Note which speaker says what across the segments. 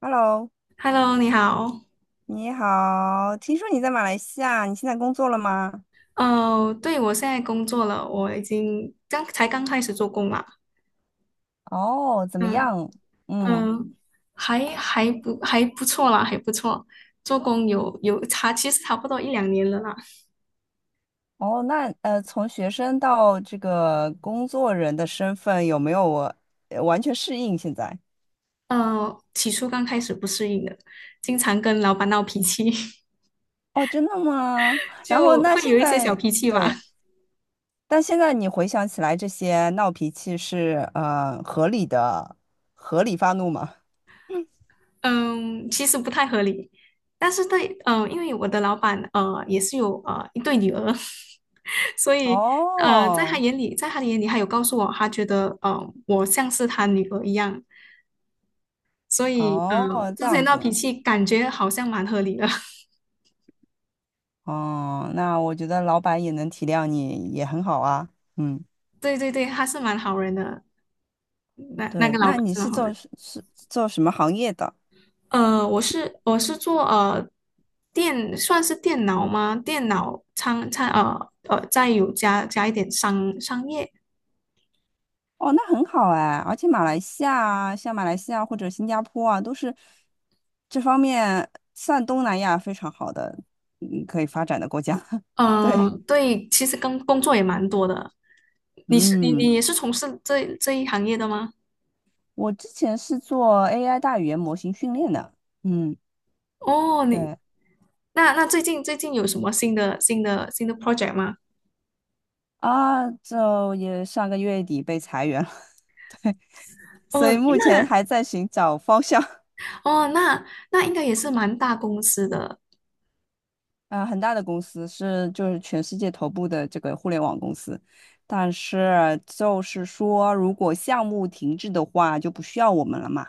Speaker 1: Hello，
Speaker 2: Hello，你好。
Speaker 1: 你好，听说你在马来西亚，你现在工作了吗？
Speaker 2: 哦，对，我现在工作了，我已经刚才刚开始做工啦。
Speaker 1: 哦，怎么
Speaker 2: 嗯
Speaker 1: 样？嗯，
Speaker 2: 嗯，还不错啦，还不错。做工有差，其实差不多一两年了啦。
Speaker 1: 哦，那从学生到这个工作人的身份，有没有完全适应现在？
Speaker 2: 起初刚开始不适应的，经常跟老板闹脾气，
Speaker 1: 哦，真的吗？然后
Speaker 2: 就
Speaker 1: 那
Speaker 2: 会
Speaker 1: 现
Speaker 2: 有一些小
Speaker 1: 在，
Speaker 2: 脾气吧。
Speaker 1: 对，但现在你回想起来，这些闹脾气是合理的，合理发怒吗？
Speaker 2: 嗯，其实不太合理，但是对，嗯，因为我的老板也是有一对女儿，所以
Speaker 1: 哦，
Speaker 2: 在他的眼里，他有告诉我，他觉得我像是他女儿一样，所以
Speaker 1: 哦，这
Speaker 2: 之前
Speaker 1: 样
Speaker 2: 闹脾
Speaker 1: 子，
Speaker 2: 气感觉好像蛮合理的，
Speaker 1: 哦，那我觉得老板也能体谅你，也很好啊。嗯，
Speaker 2: 对对对，他是蛮好人的，那个
Speaker 1: 对，
Speaker 2: 老
Speaker 1: 那
Speaker 2: 板
Speaker 1: 你
Speaker 2: 是
Speaker 1: 是
Speaker 2: 蛮好
Speaker 1: 做
Speaker 2: 人。
Speaker 1: 是是做什么行业的？
Speaker 2: 我是做算是电脑吗？电脑仓仓呃呃，再有加一点商业。
Speaker 1: 哦，那很好哎，而且马来西亚啊，像马来西亚或者新加坡啊，都是这方面算东南亚非常好的，嗯，可以发展的国家。
Speaker 2: 嗯，
Speaker 1: 对，
Speaker 2: 对，其实跟工作也蛮多的。你是你
Speaker 1: 嗯，
Speaker 2: 你也是从事这一行业的吗？
Speaker 1: 我之前是做 AI 大语言模型训练的，嗯，
Speaker 2: 哦，
Speaker 1: 对
Speaker 2: 那最近有什么新的 project 吗？
Speaker 1: 啊，就也上个月底被裁员了，所
Speaker 2: 哦，
Speaker 1: 以目前
Speaker 2: 那
Speaker 1: 还在寻找方向。
Speaker 2: 哦那应该也是蛮大公司的。
Speaker 1: 嗯、很大的公司是就是全世界头部的这个互联网公司，但是就是说，如果项目停滞的话，就不需要我们了嘛。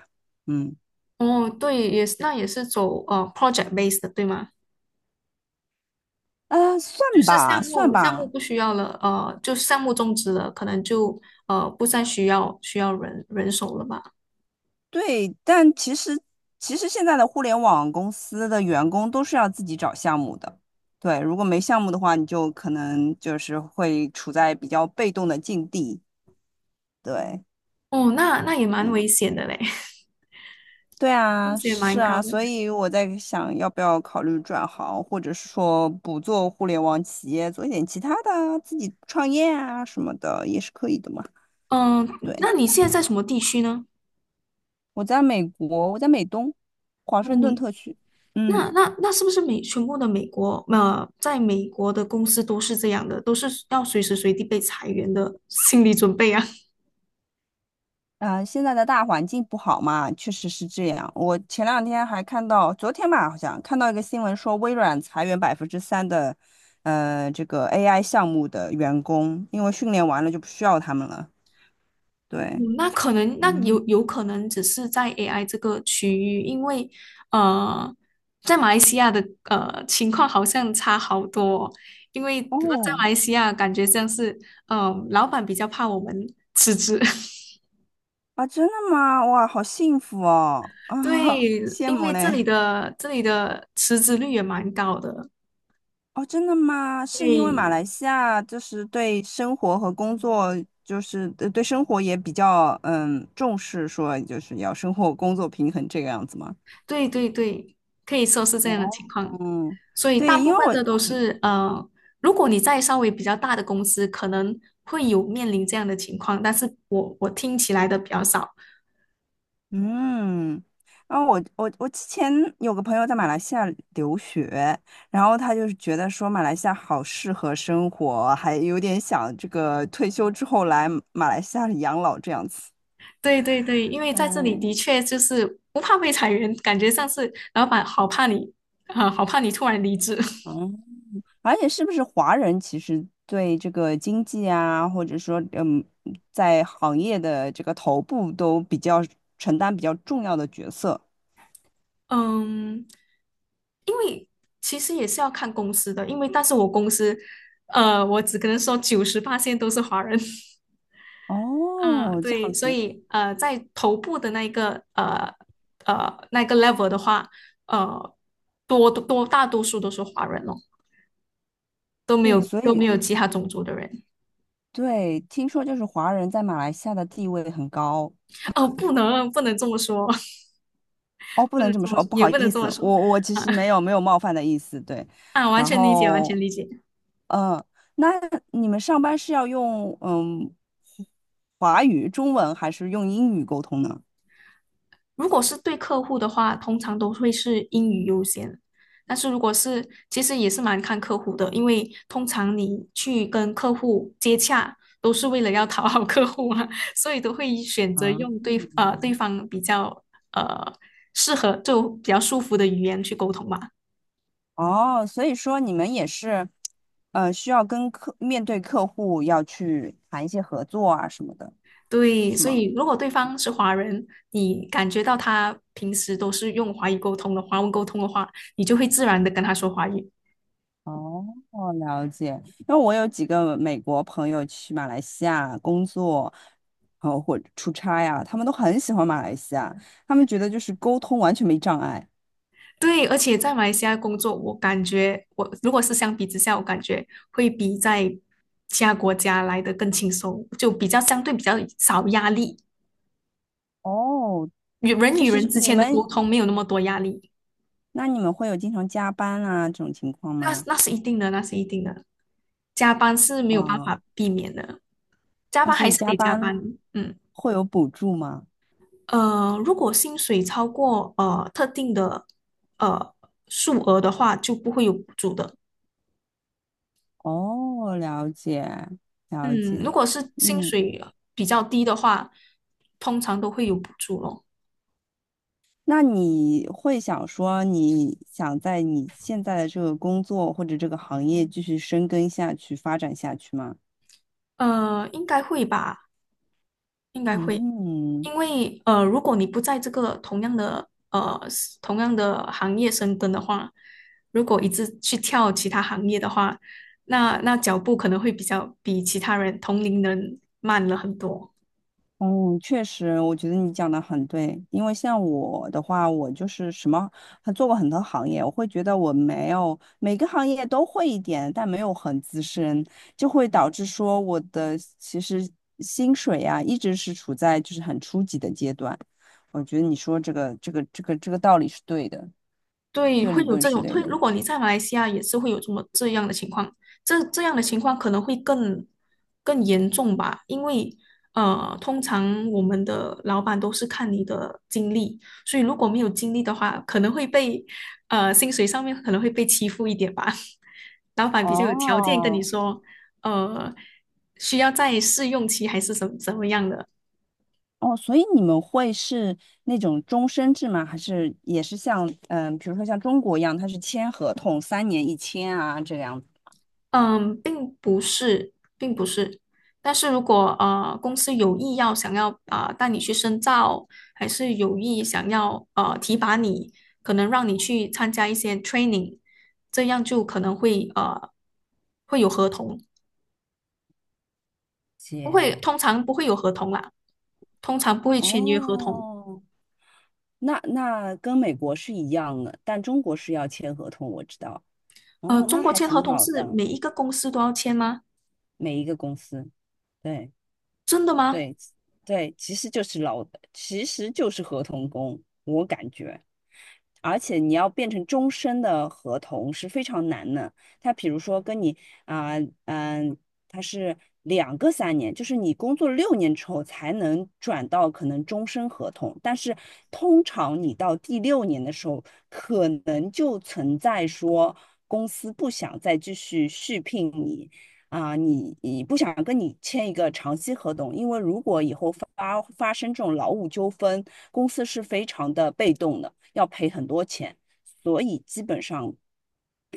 Speaker 1: 嗯，
Speaker 2: 哦，对，也是走project base 的，对吗？
Speaker 1: 啊，算
Speaker 2: 就是
Speaker 1: 吧，
Speaker 2: 项
Speaker 1: 算
Speaker 2: 目项目
Speaker 1: 吧，
Speaker 2: 不需要了，就项目终止了，可能就不再需要人手了吧？
Speaker 1: 对，但其实现在的互联网公司的员工都是要自己找项目的。对，如果没项目的话，你就可能就是会处在比较被动的境地。对。
Speaker 2: 哦，那也蛮
Speaker 1: 嗯。
Speaker 2: 危险的嘞，
Speaker 1: 对
Speaker 2: 风
Speaker 1: 啊，
Speaker 2: 险
Speaker 1: 是
Speaker 2: 蛮高
Speaker 1: 啊，
Speaker 2: 的。
Speaker 1: 所以我在想要不要考虑转行，或者是说不做互联网企业，做一点其他的啊自己创业啊什么的也是可以的嘛。
Speaker 2: 嗯，
Speaker 1: 对，
Speaker 2: 那你现在在什么地区呢？
Speaker 1: 我在美国，我在美东，华盛顿
Speaker 2: 嗯，
Speaker 1: 特区。嗯，
Speaker 2: 那是不是全部的美国在美国的公司都是这样的，都是要随时随地被裁员的心理准备啊？
Speaker 1: 啊、现在的大环境不好嘛，确实是这样。我前两天还看到，昨天吧，好像看到一个新闻说，微软裁员百分之三的，这个 AI 项目的员工，因为训练完了就不需要他们了。
Speaker 2: 嗯，
Speaker 1: 对。
Speaker 2: 那可能那
Speaker 1: 嗯。
Speaker 2: 有可能只是在 AI 这个区域，因为呃，在马来西亚的情况好像差好多哦。因为在
Speaker 1: 哦，
Speaker 2: 马来西亚感觉像是老板比较怕我们辞职，
Speaker 1: 啊，真的吗？哇，好幸福哦！
Speaker 2: 对，
Speaker 1: 啊，羡
Speaker 2: 因
Speaker 1: 慕
Speaker 2: 为这里
Speaker 1: 嘞！
Speaker 2: 的这里的辞职率也蛮高的，
Speaker 1: 哦，真的吗？是因为马
Speaker 2: 对，
Speaker 1: 来西亚就是对生活和工作，就是对生活也比较重视，说就是要生活工作平衡这个样子吗？
Speaker 2: 对对对，可以说是这样的
Speaker 1: 哦，
Speaker 2: 情况。
Speaker 1: 嗯，
Speaker 2: 所以大
Speaker 1: 对，
Speaker 2: 部
Speaker 1: 因为
Speaker 2: 分
Speaker 1: 我
Speaker 2: 的都是如果你在稍微比较大的公司，可能会有面临这样的情况，但是我听起来的比较少。
Speaker 1: 嗯，然后我之前有个朋友在马来西亚留学，然后他就是觉得说马来西亚好适合生活，还有点想这个退休之后来马来西亚养老这样子。
Speaker 2: 对对对，因为在这里
Speaker 1: 嗯，
Speaker 2: 的确就是不怕被裁员，感觉像是老板好怕你啊、好怕你突然离职。
Speaker 1: 嗯，而且是不是华人其实对这个经济啊，或者说，在行业的这个头部都比较承担比较重要的角色。
Speaker 2: 嗯，因为其实也是要看公司的，但是我公司，我只可能说九十八线都是华人，啊，
Speaker 1: 哦，这
Speaker 2: 对，
Speaker 1: 样
Speaker 2: 所
Speaker 1: 子，
Speaker 2: 以在头部的那个 level 的话，呃，大多数都是华人哦，都没
Speaker 1: 对，
Speaker 2: 有
Speaker 1: 所
Speaker 2: 都没
Speaker 1: 以。
Speaker 2: 有其他种族的人，
Speaker 1: 对，听说就是华人在马来西亚的地位很高
Speaker 2: 哦，不能这么说，
Speaker 1: 哦，不
Speaker 2: 不
Speaker 1: 能
Speaker 2: 能
Speaker 1: 这么
Speaker 2: 这
Speaker 1: 说，
Speaker 2: 么
Speaker 1: 哦
Speaker 2: 说，
Speaker 1: 不
Speaker 2: 也
Speaker 1: 好
Speaker 2: 不能
Speaker 1: 意
Speaker 2: 这么
Speaker 1: 思，
Speaker 2: 说，
Speaker 1: 我 其
Speaker 2: 啊
Speaker 1: 实没有冒犯的意思，对。
Speaker 2: 啊，完
Speaker 1: 然
Speaker 2: 全理解，完全
Speaker 1: 后，
Speaker 2: 理解。
Speaker 1: 嗯、那你们上班是要用华语、中文还是用英语沟通呢？
Speaker 2: 如果是对客户的话，通常都会是英语优先。但是如果是，其实也是蛮看客户的，因为通常你去跟客户接洽，都是为了要讨好客户啊，所以都会选择
Speaker 1: 啊，
Speaker 2: 用对方比较呃适合就比较舒服的语言去沟通嘛。
Speaker 1: 哦，所以说你们也是，需要面对客户要去谈一些合作啊什么的，
Speaker 2: 对，
Speaker 1: 是
Speaker 2: 所
Speaker 1: 吗？
Speaker 2: 以如果对方是华人，你感觉到他平时都是用华语沟通的，华文沟通的话，你就会自然的跟他说华语。
Speaker 1: 哦，了解。因为我有几个美国朋友去马来西亚工作，然后或者出差呀、他们都很喜欢马来西亚，他们觉得就是沟通完全没障碍。
Speaker 2: 对，而且在马来西亚工作，我感觉我如果是相比之下，我感觉会比在其他国家来的更轻松，就相对比较少压力，
Speaker 1: 哦，
Speaker 2: 与人
Speaker 1: 就
Speaker 2: 与人
Speaker 1: 是
Speaker 2: 之
Speaker 1: 你
Speaker 2: 间的
Speaker 1: 们，
Speaker 2: 沟通没有那么多压力，
Speaker 1: 那你们会有经常加班啊这种情况
Speaker 2: 那
Speaker 1: 吗？
Speaker 2: 那是一定的，那是一定的。加班是没有办
Speaker 1: 啊
Speaker 2: 法避免的，加
Speaker 1: 哦，
Speaker 2: 班
Speaker 1: 所
Speaker 2: 还
Speaker 1: 以
Speaker 2: 是
Speaker 1: 加
Speaker 2: 得加
Speaker 1: 班
Speaker 2: 班。嗯，
Speaker 1: 会有补助吗？
Speaker 2: 如果薪水超过特定的呃数额的话，就不会有补助的。
Speaker 1: 哦，了解，了
Speaker 2: 嗯，如
Speaker 1: 解。
Speaker 2: 果是薪
Speaker 1: 嗯，
Speaker 2: 水比较低的话，通常都会有补助咯。
Speaker 1: 那你会想说，你想在你现在的这个工作或者这个行业继续深耕下去、发展下去吗？
Speaker 2: 应该会吧，应该会，
Speaker 1: 嗯，
Speaker 2: 因为如果你不在这个同样的行业深耕的话，如果一直去跳其他行业的话，那脚步可能会比较比其他人同龄人慢了很多。
Speaker 1: 嗯，确实，我觉得你讲的很对。因为像我的话，我就是什么，还做过很多行业，我会觉得我没有每个行业都会一点，但没有很资深，就会导致说我的其实薪水啊，一直是处在就是很初级的阶段。我觉得你说这个道理是对的。
Speaker 2: 对，
Speaker 1: 这个
Speaker 2: 会
Speaker 1: 理
Speaker 2: 有
Speaker 1: 论
Speaker 2: 这
Speaker 1: 是
Speaker 2: 种，
Speaker 1: 对
Speaker 2: 会，
Speaker 1: 的。
Speaker 2: 如果你在马来西亚也是会有这样的情况，这样的情况可能会更严重吧，因为通常我们的老板都是看你的经历，所以如果没有经历的话，可能会被呃薪水上面可能会被欺负一点吧。老板比较有条件跟你
Speaker 1: 哦，
Speaker 2: 说，呃，需要在试用期还是什么怎么样的，
Speaker 1: 哦，所以你们会是那种终身制吗？还是也是像比如说像中国一样，它是签合同，三年一签啊这样子？
Speaker 2: 嗯，并不是，并不是。但是如果公司有意想要啊、带你去深造，还是有意想要提拔你，可能让你去参加一些 training，这样就可能会呃会有合同，不会，
Speaker 1: 姐，
Speaker 2: 通常不会有合同啦，通常不会签约合同。
Speaker 1: 哦，那跟美国是一样的，但中国是要签合同，我知道。哦，
Speaker 2: 中
Speaker 1: 那
Speaker 2: 国
Speaker 1: 还
Speaker 2: 签合
Speaker 1: 挺
Speaker 2: 同
Speaker 1: 好
Speaker 2: 是
Speaker 1: 的，
Speaker 2: 每一个公司都要签吗？
Speaker 1: 每一个公司。对。
Speaker 2: 真的吗？
Speaker 1: 对对，其实就是劳，其实就是合同工，我感觉。而且你要变成终身的合同是非常难的。他比如说跟你啊，嗯、他是两个三年，就是你工作六年之后才能转到可能终身合同，但是通常你到第六年的时候，可能就存在说公司不想再继续续聘你。啊、你不想跟你签一个长期合同，因为如果以后发生这种劳务纠纷，公司是非常的被动的，要赔很多钱，所以基本上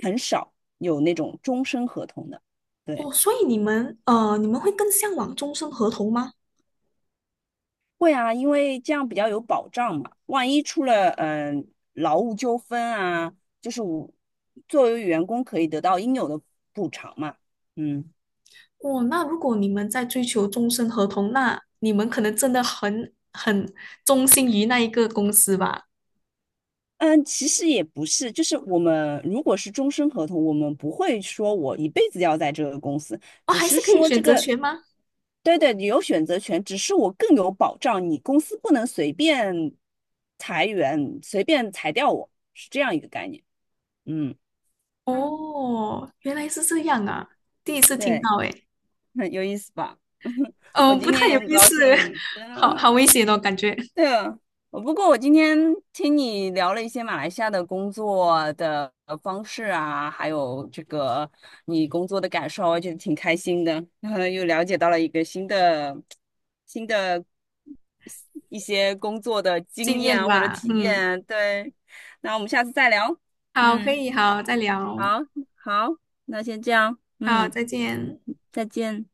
Speaker 1: 很少有那种终身合同的。
Speaker 2: 哦，
Speaker 1: 对，
Speaker 2: 所以你们会更向往终身合同吗？
Speaker 1: 会啊，因为这样比较有保障嘛，万一出了劳务纠纷啊，就是我作为员工可以得到应有的补偿嘛。嗯，
Speaker 2: 哦，那如果你们在追求终身合同，那你们可能真的很忠心于那一个公司吧？
Speaker 1: 嗯，其实也不是，就是我们如果是终身合同，我们不会说我一辈子要在这个公司，
Speaker 2: 哦，
Speaker 1: 只
Speaker 2: 还是
Speaker 1: 是
Speaker 2: 可以
Speaker 1: 说
Speaker 2: 选
Speaker 1: 这
Speaker 2: 择
Speaker 1: 个，
Speaker 2: 权吗？
Speaker 1: 对对，你有选择权，只是我更有保障，你公司不能随便裁员，随便裁掉我，是这样一个概念。嗯，嗯
Speaker 2: 哦，原来是这样啊，第一次听
Speaker 1: 对，
Speaker 2: 到诶，
Speaker 1: 很有意思吧？我
Speaker 2: 嗯，不
Speaker 1: 今
Speaker 2: 太
Speaker 1: 天也
Speaker 2: 有
Speaker 1: 很
Speaker 2: 意思，
Speaker 1: 高 兴，真
Speaker 2: 好
Speaker 1: 的。
Speaker 2: 好危险哦，感觉
Speaker 1: 对啊，我不过我今天听你聊了一些马来西亚的工作的方式啊，还有这个你工作的感受，我觉得挺开心的，然后又了解到了一个新的、新的一些工作的经
Speaker 2: 经
Speaker 1: 验
Speaker 2: 验
Speaker 1: 啊或者
Speaker 2: 吧，
Speaker 1: 体验
Speaker 2: 嗯，
Speaker 1: 啊。对，那我们下次再聊。
Speaker 2: 好，可
Speaker 1: 嗯，
Speaker 2: 以，好，再聊，
Speaker 1: 好，好，那先这样，
Speaker 2: 好，
Speaker 1: 嗯，
Speaker 2: 再见。
Speaker 1: 再见。